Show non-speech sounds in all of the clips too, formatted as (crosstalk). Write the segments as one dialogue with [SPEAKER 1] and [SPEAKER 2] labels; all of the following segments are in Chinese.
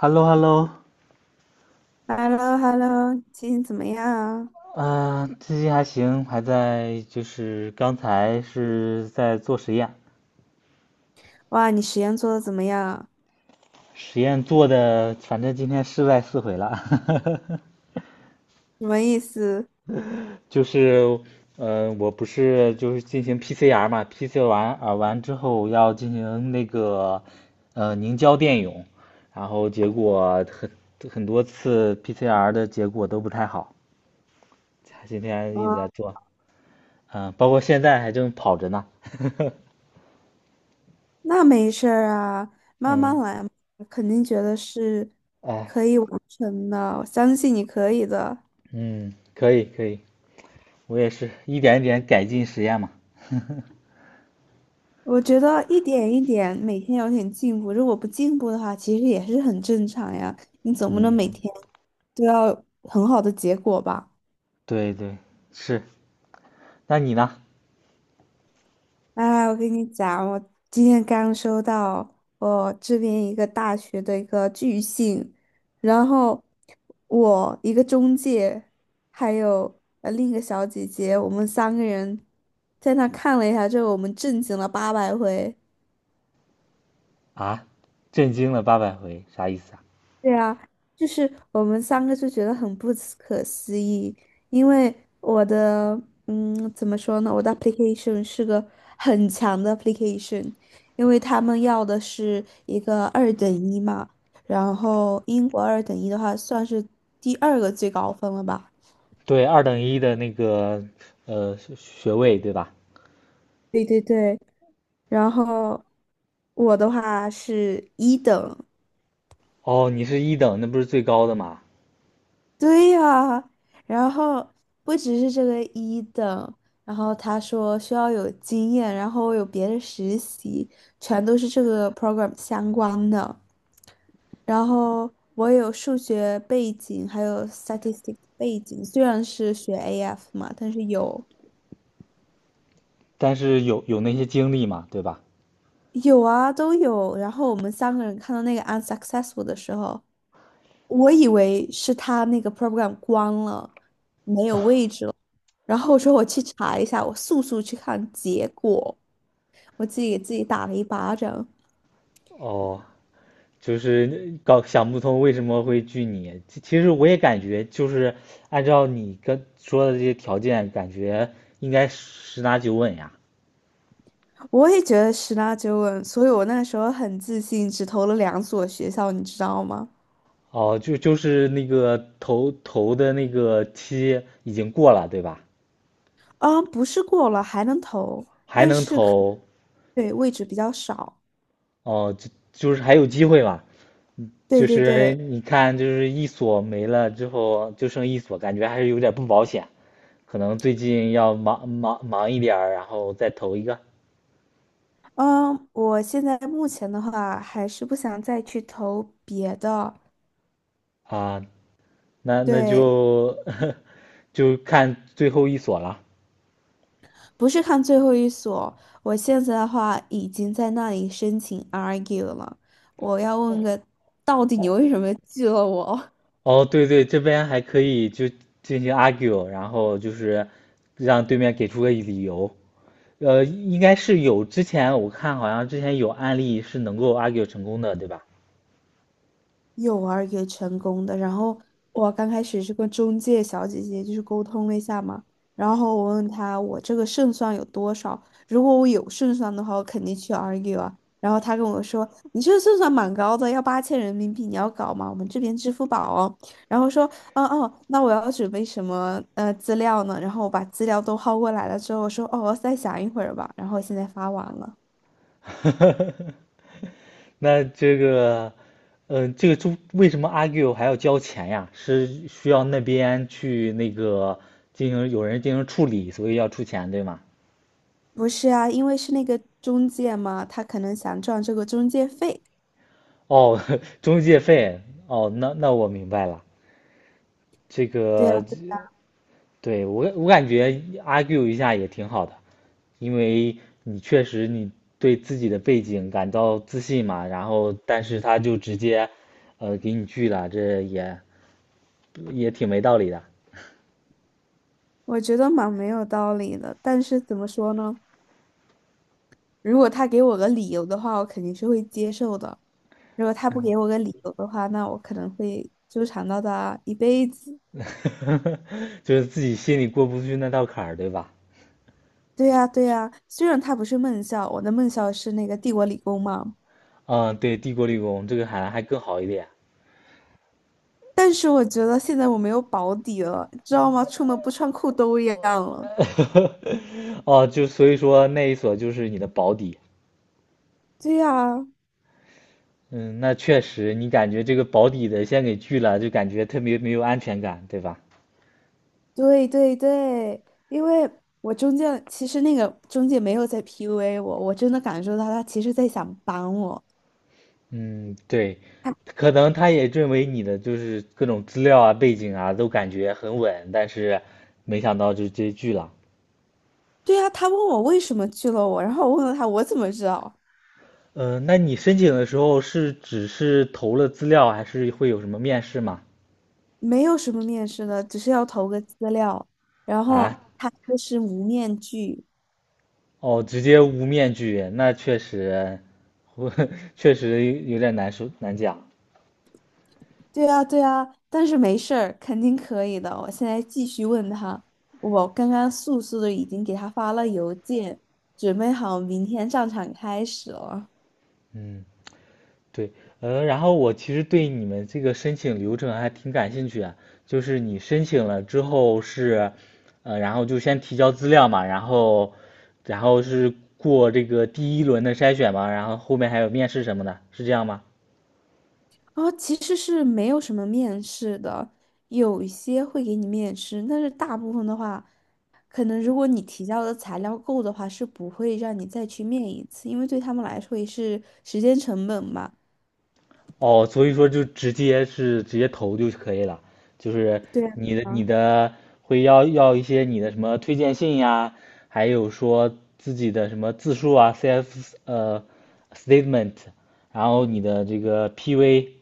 [SPEAKER 1] h e l l o h e l l o
[SPEAKER 2] h e l l o h e l l o 最近怎么样啊？
[SPEAKER 1] 最近还行，还在就是刚才是在做实验，
[SPEAKER 2] 哇，你实验做的怎么样？
[SPEAKER 1] 实验做的，反正今天失败四回了。(laughs)
[SPEAKER 2] 什么意思？
[SPEAKER 1] 就是我不是就是进行 PCR 嘛，PCR 完之后要进行那个凝胶电泳，然后结果很多次 PCR 的结果都不太好，今天一
[SPEAKER 2] 啊，
[SPEAKER 1] 直在做，嗯、包括现在还正跑着呢。
[SPEAKER 2] 那没事儿啊，
[SPEAKER 1] (laughs)
[SPEAKER 2] 慢慢
[SPEAKER 1] 嗯。
[SPEAKER 2] 来嘛，肯定觉得是
[SPEAKER 1] 哎，
[SPEAKER 2] 可以完成的，我相信你可以的。
[SPEAKER 1] 嗯，可以可以，我也是一点一点改进实验嘛。(laughs)
[SPEAKER 2] 我觉得一点一点，每天有点进步，如果不进步的话，其实也是很正常呀。你总不能每
[SPEAKER 1] 嗯，
[SPEAKER 2] 天都要很好的结果吧？
[SPEAKER 1] 对对，是。那你呢？
[SPEAKER 2] 哎，我跟你讲，我今天刚收到我这边一个大学的一个拒信，然后我一个中介，还有另一个小姐姐，我们三个人在那看了一下之后，我们震惊了八百回。
[SPEAKER 1] 啊，震惊了八百回，啥意思啊？
[SPEAKER 2] 对啊，就是我们三个就觉得很不可思议，因为我的，怎么说呢？我的 application 是个很强的 application，因为他们要的是一个二等一嘛，然后英国二等一的话算是第二个最高分了吧？
[SPEAKER 1] 对，二等一的那个学位对吧？
[SPEAKER 2] 对对对，然后我的话是一等，
[SPEAKER 1] 哦，你是一等，那不是最高的嘛？
[SPEAKER 2] 对呀，然后不只是这个一等，然后他说需要有经验，然后有别的实习，全都是这个 program 相关的。然后我有数学背景，还有 statistics 背景，虽然是学 AF 嘛，但是有
[SPEAKER 1] 但是有那些经历嘛，对吧？
[SPEAKER 2] 有啊都有。然后我们三个人看到那个 unsuccessful 的时候，我以为是他那个 program 关了，没有位置了。然后我说我去查一下，我速速去看结果，我自己给自己打了一巴掌。
[SPEAKER 1] 哦，就是搞想不通为什么会拒你。其实我也感觉，就是按照你跟说的这些条件，感觉应该十拿九稳呀。
[SPEAKER 2] 我也觉得十拿九稳，所以我那时候很自信，只投了两所学校，你知道吗？
[SPEAKER 1] 哦，就是那个投的那个期已经过了，对吧？
[SPEAKER 2] 啊，不是过了还能投，
[SPEAKER 1] 还
[SPEAKER 2] 但
[SPEAKER 1] 能
[SPEAKER 2] 是可
[SPEAKER 1] 投，
[SPEAKER 2] 对位置比较少。
[SPEAKER 1] 哦，就是还有机会嘛？
[SPEAKER 2] 对
[SPEAKER 1] 就
[SPEAKER 2] 对
[SPEAKER 1] 是
[SPEAKER 2] 对，
[SPEAKER 1] 你看，就是一所没了之后，就剩一所，感觉还是有点不保险，可能最近要忙一点儿然后再投一个
[SPEAKER 2] 嗯，我现在目前的话还是不想再去投别的，
[SPEAKER 1] 啊，那
[SPEAKER 2] 对，
[SPEAKER 1] 就 (laughs) 就看最后一所了。
[SPEAKER 2] 不是看最后一所，我现在的话已经在那里申请 argue 了。我要问
[SPEAKER 1] 哦
[SPEAKER 2] 个，到底你
[SPEAKER 1] 哦
[SPEAKER 2] 为什么拒了我？
[SPEAKER 1] 哦，对对，这边还可以就进行 argue,然后就是让对面给出个理由。应该是有，之前我看好像之前有案例是能够 argue 成功的，对吧？
[SPEAKER 2] 有玩也成功的。然后我刚开始是跟中介小姐姐就是沟通了一下嘛，然后我问她我这个胜算有多少，如果我有胜算的话，我肯定去 argue 啊。然后她跟我说，你这个胜算蛮高的，要8000人民币，你要搞吗？我们这边支付宝哦。然后说，哦哦，那我要准备什么资料呢？然后我把资料都薅过来了之后，我说，哦，我再想一会儿吧。然后现在发完了。
[SPEAKER 1] (laughs) 那这个，嗯、这个中为什么 argue 还要交钱呀？是需要那边去那个进行有人进行处理，所以要出钱，对吗？
[SPEAKER 2] 不是啊，因为是那个中介嘛，他可能想赚这个中介费。
[SPEAKER 1] 哦，(laughs) 中介费，哦，那我明白了。这
[SPEAKER 2] 对呀，
[SPEAKER 1] 个对，我感觉 argue 一下也挺好的，因为你确实你对自己的背景感到自信嘛，然后但是他就直接，给你拒了，这也也挺没道理的。
[SPEAKER 2] 我觉得蛮没有道理的，但是怎么说呢？如果他给我个理由的话，我肯定是会接受的；如果他不给我个理由的话，那我可能会纠缠到他一辈子。
[SPEAKER 1] (laughs) 就是自己心里过不去那道坎儿，对吧？
[SPEAKER 2] 对呀，对呀，虽然他不是梦校，我的梦校是那个帝国理工嘛，
[SPEAKER 1] 嗯，对，帝国理工这个好像还更好一点。
[SPEAKER 2] 但是我觉得现在我没有保底了，知道吗？出门不穿裤兜一样了。
[SPEAKER 1] (laughs) 哦，就所以说那一所就是你的保底，
[SPEAKER 2] 对呀，
[SPEAKER 1] 嗯，那确实，你感觉这个保底的先给拒了，就感觉特别没有安全感，对吧？
[SPEAKER 2] 对对对，因为我中介其实那个中介没有在 PUA 我，我真的感受到他其实在想帮我。
[SPEAKER 1] 嗯，对，
[SPEAKER 2] 他
[SPEAKER 1] 可能他也认为你的就是各种资料啊、背景啊都感觉很稳，但是没想到就直接拒了。
[SPEAKER 2] 对啊，他问我为什么拒了我，然后我问了他我怎么知道，
[SPEAKER 1] 那你申请的时候是只是投了资料，还是会有什么面试吗？
[SPEAKER 2] 没有什么面试的，只是要投个资料，然后
[SPEAKER 1] 啊？
[SPEAKER 2] 他说是无面拒，
[SPEAKER 1] 哦，直接无面具，那确实，(laughs) 我确实有点难受，难讲。
[SPEAKER 2] 对啊对啊，但是没事儿，肯定可以的。我现在继续问他，我刚刚速速的已经给他发了邮件，准备好明天上场开始了。
[SPEAKER 1] 嗯，对，然后我其实对你们这个申请流程还挺感兴趣啊，就是你申请了之后是，然后就先提交资料嘛，然后，然后是过这个第一轮的筛选嘛，然后后面还有面试什么的，是这样吗？
[SPEAKER 2] 哦，其实是没有什么面试的，有一些会给你面试，但是大部分的话。可能如果你提交的材料够的话，是不会让你再去面一次，因为对他们来说也是时间成本嘛。
[SPEAKER 1] 哦，所以说就直接是直接投就可以了，就是
[SPEAKER 2] 对
[SPEAKER 1] 你
[SPEAKER 2] 啊，
[SPEAKER 1] 的会要一些你的什么推荐信呀，还有说自己的什么自述啊，CF statement,然后你的这个 PV,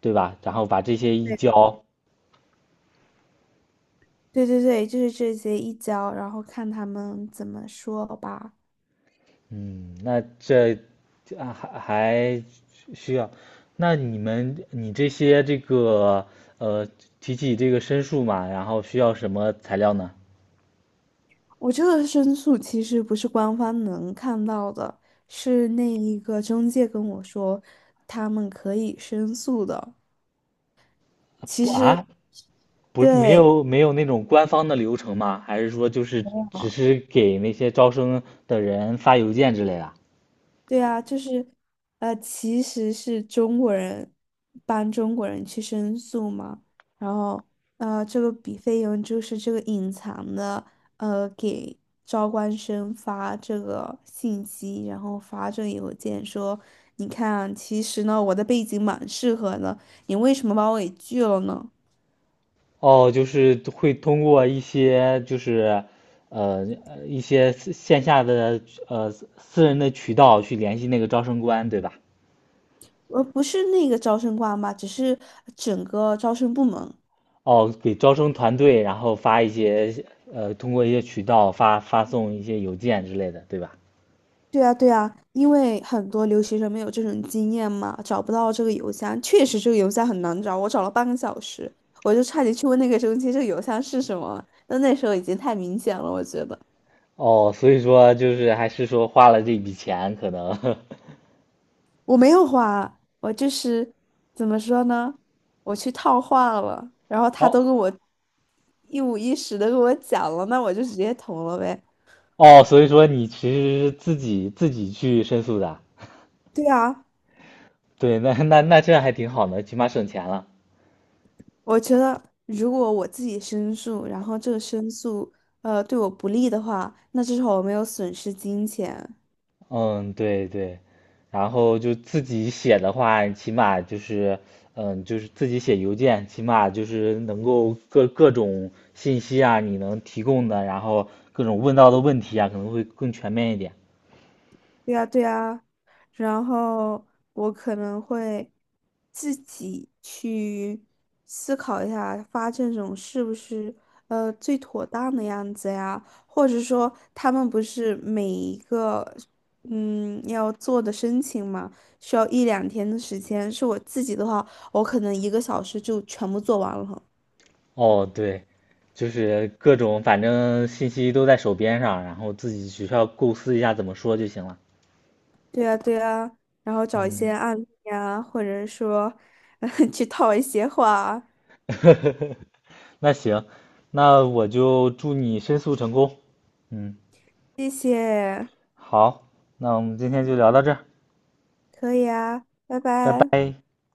[SPEAKER 1] 对吧？然后把这些一
[SPEAKER 2] 对
[SPEAKER 1] 交，
[SPEAKER 2] 对对对，就是这些一交，然后看他们怎么说吧。
[SPEAKER 1] 嗯，那这啊还还需要，那你这些这个呃提起这个申诉嘛，然后需要什么材料呢？
[SPEAKER 2] 我这个申诉其实不是官方能看到的，是那一个中介跟我说，他们可以申诉的。其
[SPEAKER 1] 不
[SPEAKER 2] 实，
[SPEAKER 1] 啊？不是没
[SPEAKER 2] 对。
[SPEAKER 1] 有没有那种官方的流程吗？还是说就是只是给那些招生的人发邮件之类的？
[SPEAKER 2] 对啊，就是，其实是中国人帮中国人去申诉嘛，然后，这个笔费用就是这个隐藏的，给招官生发这个信息，然后发这个邮件说，你看啊，其实呢，我的背景蛮适合的，你为什么把我给拒了呢？
[SPEAKER 1] 哦，就是会通过一些就是呃呃一些私线下的呃私人的渠道去联系那个招生官，对吧？
[SPEAKER 2] 不是那个招生官吧，只是整个招生部门。
[SPEAKER 1] 哦，给招生团队，然后发一些通过一些渠道发送一些邮件之类的，对吧？
[SPEAKER 2] 对啊，对啊，因为很多留学生没有这种经验嘛，找不到这个邮箱，确实这个邮箱很难找，我找了半个小时，我就差点去问那个中介这个邮箱是什么，但那时候已经太明显了，我觉得
[SPEAKER 1] 哦，所以说就是还是说花了这笔钱，可能
[SPEAKER 2] 我没有花，我就是怎么说呢，我去套话了，然后
[SPEAKER 1] (laughs)
[SPEAKER 2] 他
[SPEAKER 1] 哦
[SPEAKER 2] 都跟我一五一十的跟我讲了，那我就直接投了呗。
[SPEAKER 1] 哦，所以说你其实是自己自己去申诉的啊，
[SPEAKER 2] 对啊，
[SPEAKER 1] 对，那这样还挺好的，起码省钱了。
[SPEAKER 2] 我觉得，如果我自己申诉，然后这个申诉对我不利的话，那至少我没有损失金钱。
[SPEAKER 1] 嗯，对对，然后就自己写的话，起码就是，嗯，就是自己写邮件，起码就是能够各种信息啊，你能提供的，然后各种问到的问题啊，可能会更全面一点。
[SPEAKER 2] 对呀，对呀，然后我可能会自己去思考一下，发这种是不是最妥当的样子呀？或者说，他们不是每一个要做的申请嘛，需要一两天的时间。是我自己的话，我可能一个小时就全部做完了。
[SPEAKER 1] 哦，对，就是各种反正信息都在手边上，然后自己只需要构思一下怎么说就行了。
[SPEAKER 2] 对呀，对呀，然后找一些
[SPEAKER 1] 嗯，
[SPEAKER 2] 案例呀，或者说 (laughs) 去套一些话，
[SPEAKER 1] (laughs) 那行，那我就祝你申诉成功。嗯，
[SPEAKER 2] 谢谢。
[SPEAKER 1] 好，那我们今天就聊到这儿，
[SPEAKER 2] 可以啊，拜
[SPEAKER 1] 拜
[SPEAKER 2] 拜。
[SPEAKER 1] 拜。